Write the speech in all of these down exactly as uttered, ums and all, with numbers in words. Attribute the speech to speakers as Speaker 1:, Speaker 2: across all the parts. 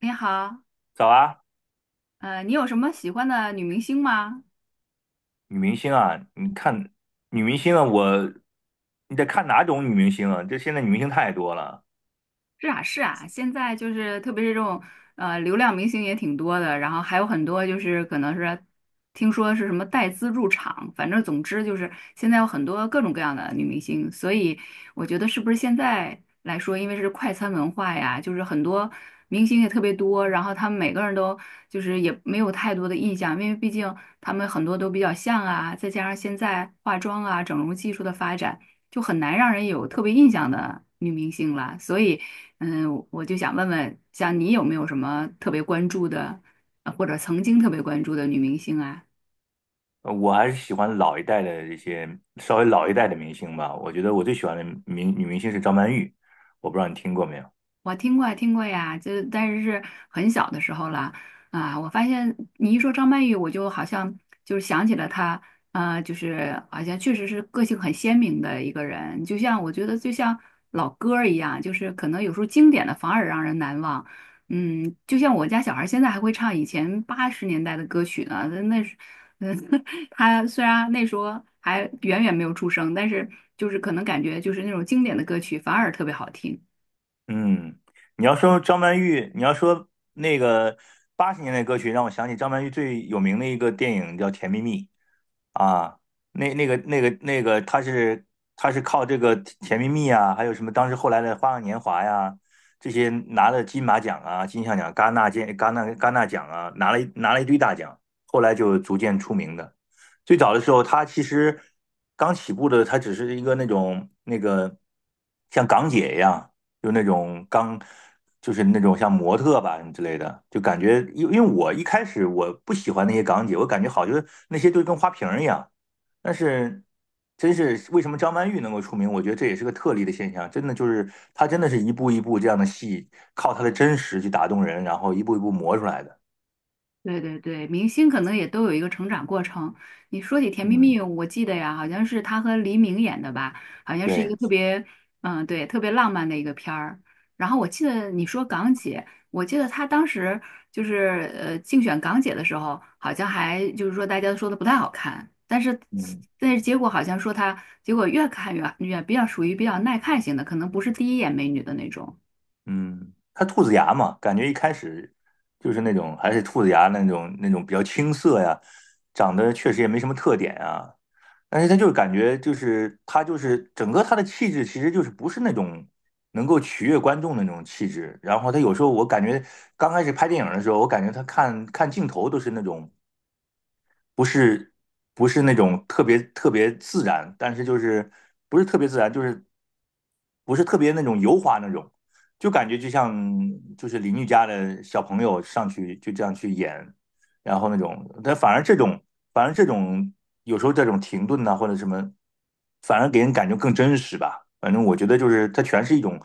Speaker 1: 你好，
Speaker 2: 早啊，
Speaker 1: 呃，你有什么喜欢的女明星吗？
Speaker 2: 女明星啊，你看女明星啊，我你得看哪种女明星啊？这现在女明星太多了，
Speaker 1: 是啊，是啊，现在就是特别是这种呃流量明星也挺多的，然后还有很多就是可能是听说是什么带资入场，反正总之就是现在有很多各种各样的女明星，所以我觉得是不是现在来说，因为是快餐文化呀，就是很多明星也特别多，然后他们每个人都就是也没有太多的印象，因为毕竟他们很多都比较像啊，再加上现在化妆啊整容技术的发展。就很难让人有特别印象的女明星了，所以嗯，我就想问问，像你有没有什么特别关注的，呃或者曾经特别关注的女明星啊？
Speaker 2: 呃我还是喜欢老一代的这些稍微老一代的明星吧。我觉得我最喜欢的明女明星是张曼玉，我不知道你听过没有？
Speaker 1: 我听过呀听过呀，就但是是很小的时候了啊。我发现你一说张曼玉，我就好像就是想起了她，啊，就是好像确实是个性很鲜明的一个人，就像我觉得就像老歌儿一样，就是可能有时候经典的反而让人难忘。嗯，就像我家小孩儿现在还会唱以前八十年代的歌曲呢，那那是，嗯，他虽然那时候还远远没有出生，但是就是可能感觉就是那种经典的歌曲反而特别好听。
Speaker 2: 嗯，你要说张曼玉，你要说那个八十年代歌曲，让我想起张曼玉最有名的一个电影叫《甜蜜蜜》啊，那那个那个那个，她是她是靠这个《甜蜜蜜》啊，还有什么当时后来的《花样年华》呀，这些拿了金马奖啊、金像奖、戛纳金戛纳戛纳奖啊，拿了一拿了一堆大奖，后来就逐渐出名的。最早的时候，她其实刚起步的，她只是一个那种那个像港姐一样。就那种刚，就是那种像模特吧之类的，就感觉，因因为我一开始我不喜欢那些港姐，我感觉好就是那些就跟花瓶儿一样。但是，真是为什么张曼玉能够出名？我觉得这也是个特例的现象，真的就是她真的是一步一步这样的戏，靠她的真实去打动人，然后一步一步磨出来的。
Speaker 1: 对对对，明星可能也都有一个成长过程。你说起《甜蜜
Speaker 2: 嗯，
Speaker 1: 蜜》，我记得呀，好像是他和黎明演的吧，好像是一
Speaker 2: 对，
Speaker 1: 个特别，嗯，对，特别浪漫的一个片儿。然后我记得你说港姐，我记得她当时就是呃竞选港姐的时候，好像还就是说大家都说的不太好看，但是
Speaker 2: 嗯。
Speaker 1: 但是结果好像说她结果越看越越比较属于比较耐看型的，可能不是第一眼美女的那种。
Speaker 2: 嗯，他兔子牙嘛，感觉一开始就是那种还是兔子牙那种那种比较青涩呀，长得确实也没什么特点啊。但是他就是感觉就是他就是整个他的气质其实就是不是那种能够取悦观众的那种气质。然后他有时候我感觉刚开始拍电影的时候，我感觉他看看镜头都是那种不是不是那种特别特别自然，但是就是不是特别自然，就是不是特别那种油滑那种，就感觉就像就是邻居家的小朋友上去就这样去演，然后那种，但反而这种反而这种有时候这种停顿呐、或者什么，反而给人感觉更真实吧。反正我觉得就是它全是一种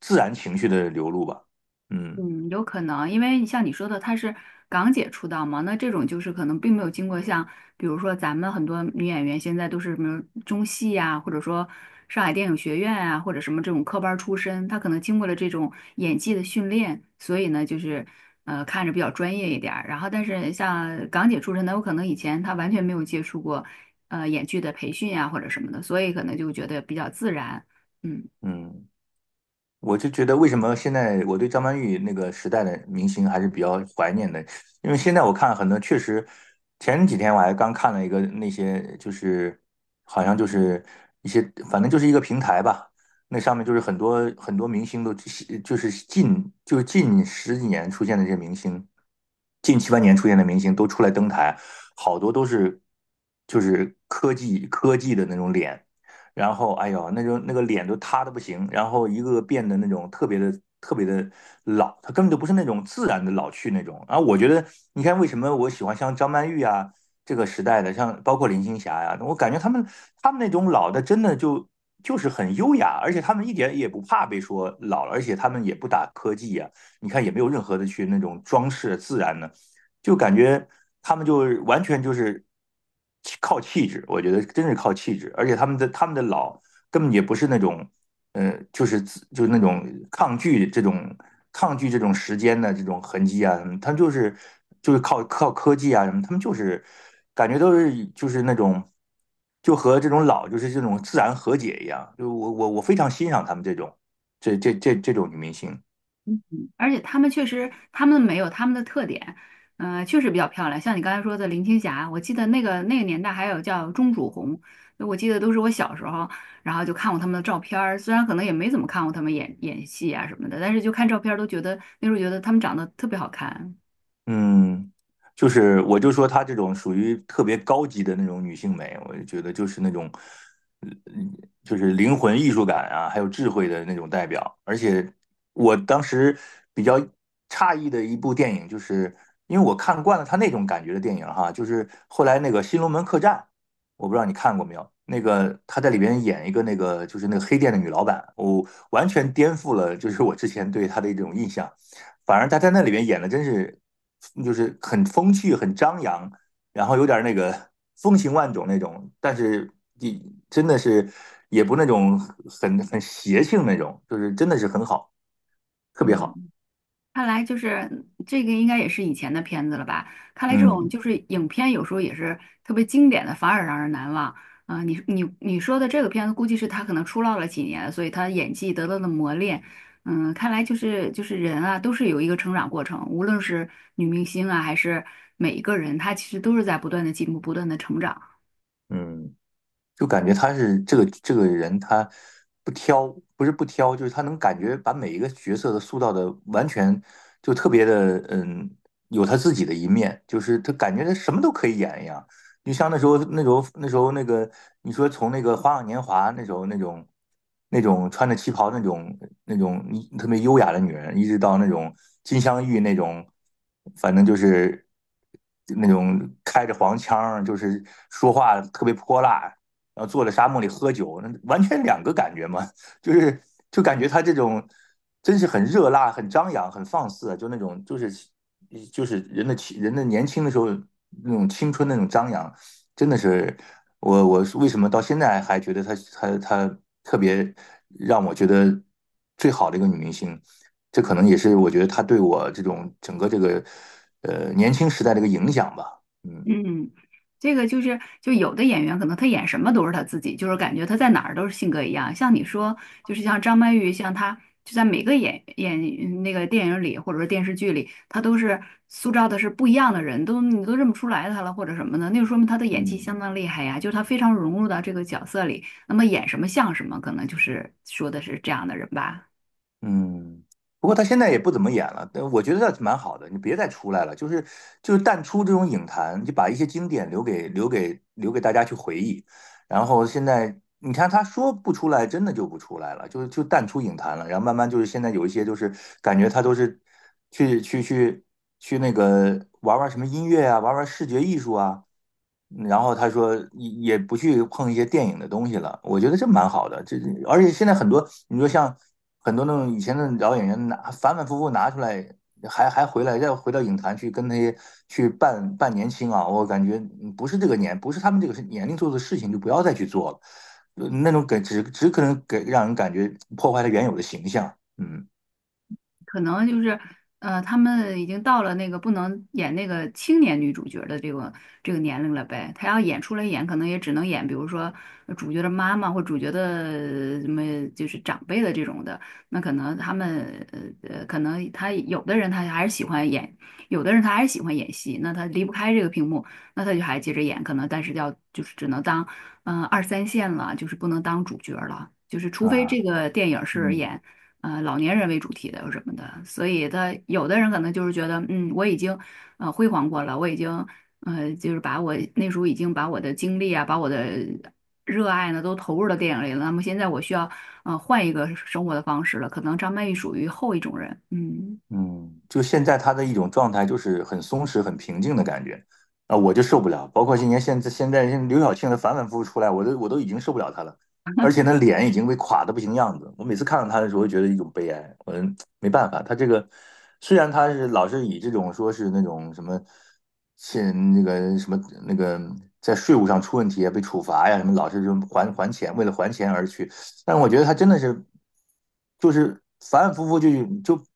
Speaker 2: 自然情绪的流露吧。嗯
Speaker 1: 嗯，有可能，因为像你说的，她是港姐出道嘛，那这种就是可能并没有经过像，比如说咱们很多女演员现在都是什么中戏呀、或者说上海电影学院啊，或者什么这种科班儿出身，她可能经过了这种演技的训练，所以呢，就是呃看着比较专业一点儿。然后，但是像港姐出身的，有可能以前她完全没有接触过呃演剧的培训呀、或者什么的，所以可能就觉得比较自然。嗯。
Speaker 2: 嗯。我就觉得为什么现在我对张曼玉那个时代的明星还是比较怀念的，因为现在我看很多确实，前几天我还刚看了一个那些就是好像就是一些反正就是一个平台吧，那上面就是很多很多明星都就是近就是近十几年出现的这些明星，近七八年出现的明星都出来登台，好多都是就是科技科技的那种脸。然后哎呦，那就那个脸都塌的不行，然后一个个变得那种特别的特别的老，他根本就不是那种自然的老去那种。啊，我觉得你看为什么我喜欢像张曼玉啊这个时代的，像包括林青霞呀、啊我感觉他们他们那种老的真的就就是很优雅，而且他们一点也不怕被说老了，而且他们也不打科技呀、啊你看也没有任何的去那种装饰自然的。就感觉他们就完全就是靠气质，我觉得真是靠气质，而且他们的他们的老根本也不是那种，呃，就是就是那种抗拒这种抗拒这种时间的这种痕迹啊什么他们就是就是靠靠科技啊什么，他们就是感觉都是就是那种。就和这种老，就是这种自然和解一样，就我我我非常欣赏他们这种这这这这种女明星，
Speaker 1: 而且他们确实，他们没有他们的特点，嗯，确实比较漂亮。像你刚才说的林青霞，我记得那个那个年代还有叫钟楚红，我记得都是我小时候，然后就看过他们的照片儿，虽然可能也没怎么看过他们演演戏啊什么的，但是就看照片儿都觉得那时候觉得他们长得特别好看。
Speaker 2: 嗯，就是我就说她这种属于特别高级的那种女性美，我就觉得就是那种，嗯，就是灵魂艺术感啊，还有智慧的那种代表。而且我当时比较诧异的一部电影，就是因为我看惯了她那种感觉的电影哈，就是后来那个《新龙门客栈》，我不知道你看过没有？那个她在里边演一个那个就是那个黑店的女老板，我完全颠覆了就是我之前对她的一种印象。反而他在那里面演的真是，就是很风趣、很张扬，然后有点那个风情万种那种，但是你真的是也不那种很很邪性那种，就是真的是很好，特别好。
Speaker 1: 嗯，看来就是这个应该也是以前的片子了吧？看来这种
Speaker 2: 嗯
Speaker 1: 就是影片有时候也是特别经典的，反而让人难忘。啊、你你你说的这个片子，估计是他可能出道了几年，所以他演技得到了磨练。嗯，看来就是就是人啊，都是有一个成长过程，无论是女明星啊，还是每一个人，他其实都是在不断的进步，不断的成长。
Speaker 2: 嗯，就感觉他是这个这个人，他不挑，不是不挑，就是他能感觉把每一个角色的塑造的完全就特别的，嗯，有他自己的一面，就是他感觉他什么都可以演一样。就像那时候那时候那时候那个，你说从那个《花样年华》那时候那种那种穿着旗袍那种那种特别优雅的女人，一直到那种金镶玉那种，反正就是那种开着黄腔儿就是说话特别泼辣，然后坐在沙漠里喝酒，那完全两个感觉嘛，就是就感觉他这种真是很热辣、很张扬、很放肆啊，就那种就是就是人的青人的年轻的时候那种青春那种张扬，真的是我我为什么到现在还觉得他他他特别让我觉得最好的一个女明星，这可能也是我觉得她对我这种整个这个呃年轻时代的一个影响吧，嗯。
Speaker 1: 嗯，这个就是，就有的演员可能他演什么都是他自己，就是感觉他在哪儿都是性格一样。像你说，就是像张曼玉，像她就在每个演演那个电影里或者说电视剧里，她都是塑造的是不一样的人，都你都认不出来她了或者什么的，那就说明她的演技相
Speaker 2: 嗯。
Speaker 1: 当厉害呀，就是她非常融入到这个角色里，那么演什么像什么，可能就是说的是这样的人吧。
Speaker 2: 嗯，不过他现在也不怎么演了，但我觉得倒是蛮好的。你别再出来了，就是就是淡出这种影坛，就把一些经典留给留给留给大家去回忆。然后现在你看他说不出来，真的就不出来了，就是就淡出影坛了。然后慢慢就是现在有一些就是感觉他都是去去去去那个玩玩什么音乐啊，玩玩视觉艺术啊，然后他说也也不去碰一些电影的东西了，我觉得这蛮好的。这而且现在很多，你说像很多那种以前的老演员拿反反复复拿出来，还还回来再回到影坛去跟那些去扮扮年轻啊，我感觉嗯不是这个年，不是他们这个年龄做的事情就不要再去做了，呃那种给只只可能给让人感觉破坏了原有的形象。嗯
Speaker 1: 可能就是呃，他们已经到了那个不能演那个青年女主角的这个这个年龄了呗。他要演出来演，可能也只能演，比如说呃主角的妈妈或主角的什么，就是长辈的这种的。那可能他们呃呃，可能他有的人他还是喜欢演，有的人他还是喜欢演戏，那他离不开这个屏幕，那他就还接着演，可能但是要就是只能当嗯、呃二三线了，就是不能当主角了。就是除非
Speaker 2: 啊，
Speaker 1: 这个电影是
Speaker 2: 嗯。
Speaker 1: 演。呃老年人为主题的有什么的，所以他有的人可能就是觉得，嗯，我已经呃辉煌过了，我已经呃就是把我那时候已经把我的精力啊，把我的热爱呢都投入到电影里了，那么现在我需要呃换一个生活的方式了，可能张曼玉属于后一种人，嗯。
Speaker 2: 嗯，就现在他的一种状态就是很松弛、很平静的感觉，啊，我就受不了。包括今年现在现在像刘晓庆的反反复复出来，我都我都已经受不了她了，而且那脸已经被垮的不行样子。我每次看到她的时候，觉得一种悲哀。我没办法，她这个虽然她是老是以这种说是那种什么欠那个什么那个在税务上出问题啊，被处罚呀，什么老是就还还钱，为了还钱而去，但我觉得他真的是，就是反反复复就就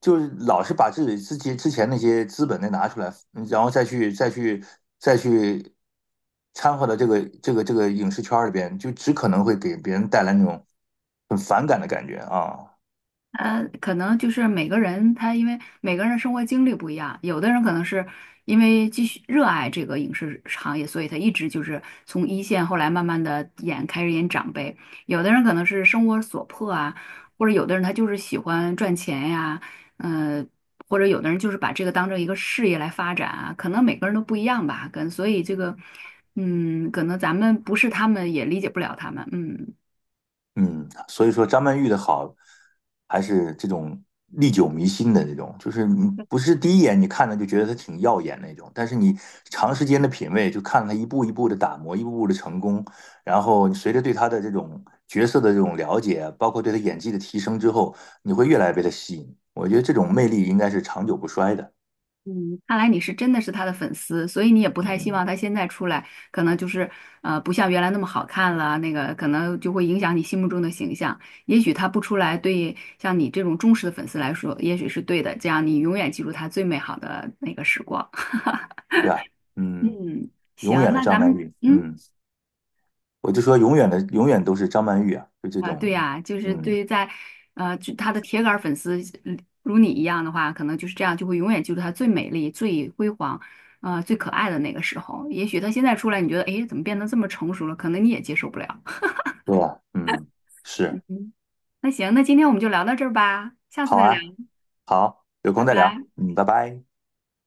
Speaker 2: 就是老是把自己自己之前那些资本再拿出来，然后再去再去再去掺和到这个这个这个影视圈里边，就只可能会给别人带来那种很反感的感觉啊。
Speaker 1: 呃，可能就是每个人他因为每个人的生活经历不一样，有的人可能是因为继续热爱这个影视行业，所以他一直就是从一线，后来慢慢的演开始演长辈；有的人可能是生活所迫啊，或者有的人他就是喜欢赚钱呀，呃，或者有的人就是把这个当成一个事业来发展啊，可能每个人都不一样吧，跟所以这个，嗯，可能咱们不是他们也理解不了他们，嗯。
Speaker 2: 嗯，所以说张曼玉的好，还是这种历久弥新的这种，就是你不是第一眼你看着就觉得她挺耀眼那种，但是你长时间的品味，就看她一步一步的打磨，一步步的成功，然后你随着对她的这种角色的这种了解，包括对她演技的提升之后，你会越来越被她吸引。我觉得这种魅力应该是长久不衰的。
Speaker 1: 嗯，看来你是真的是他的粉丝，所以你也不太希
Speaker 2: 嗯，
Speaker 1: 望他现在出来，可能就是呃不像原来那么好看了，那个可能就会影响你心目中的形象。也许他不出来，对像你这种忠实的粉丝来说，也许是对的，这样你永远记住他最美好的那个时光。
Speaker 2: 是吧？嗯，
Speaker 1: 嗯，
Speaker 2: 永
Speaker 1: 行，
Speaker 2: 远的
Speaker 1: 那咱
Speaker 2: 张曼
Speaker 1: 们
Speaker 2: 玉。
Speaker 1: 嗯。
Speaker 2: 嗯，我就说永远的，永远都是张曼玉啊，就这
Speaker 1: 啊，对
Speaker 2: 种，
Speaker 1: 呀，就是对
Speaker 2: 嗯。
Speaker 1: 于在，呃，就他的铁杆儿粉丝嗯如你一样的话，可能就是这样，就会永远记住他最美丽、最辉煌，呃，最可爱的那个时候。也许他现在出来，你觉得，哎，怎么变得这么成熟了？可能你也接受不了。
Speaker 2: 对呀，嗯，是，
Speaker 1: 嗯那行，那今天我们就聊到这儿吧，下次
Speaker 2: 好
Speaker 1: 再聊，
Speaker 2: 啊，好，有空
Speaker 1: 拜
Speaker 2: 再聊，
Speaker 1: 拜。
Speaker 2: 嗯，拜拜。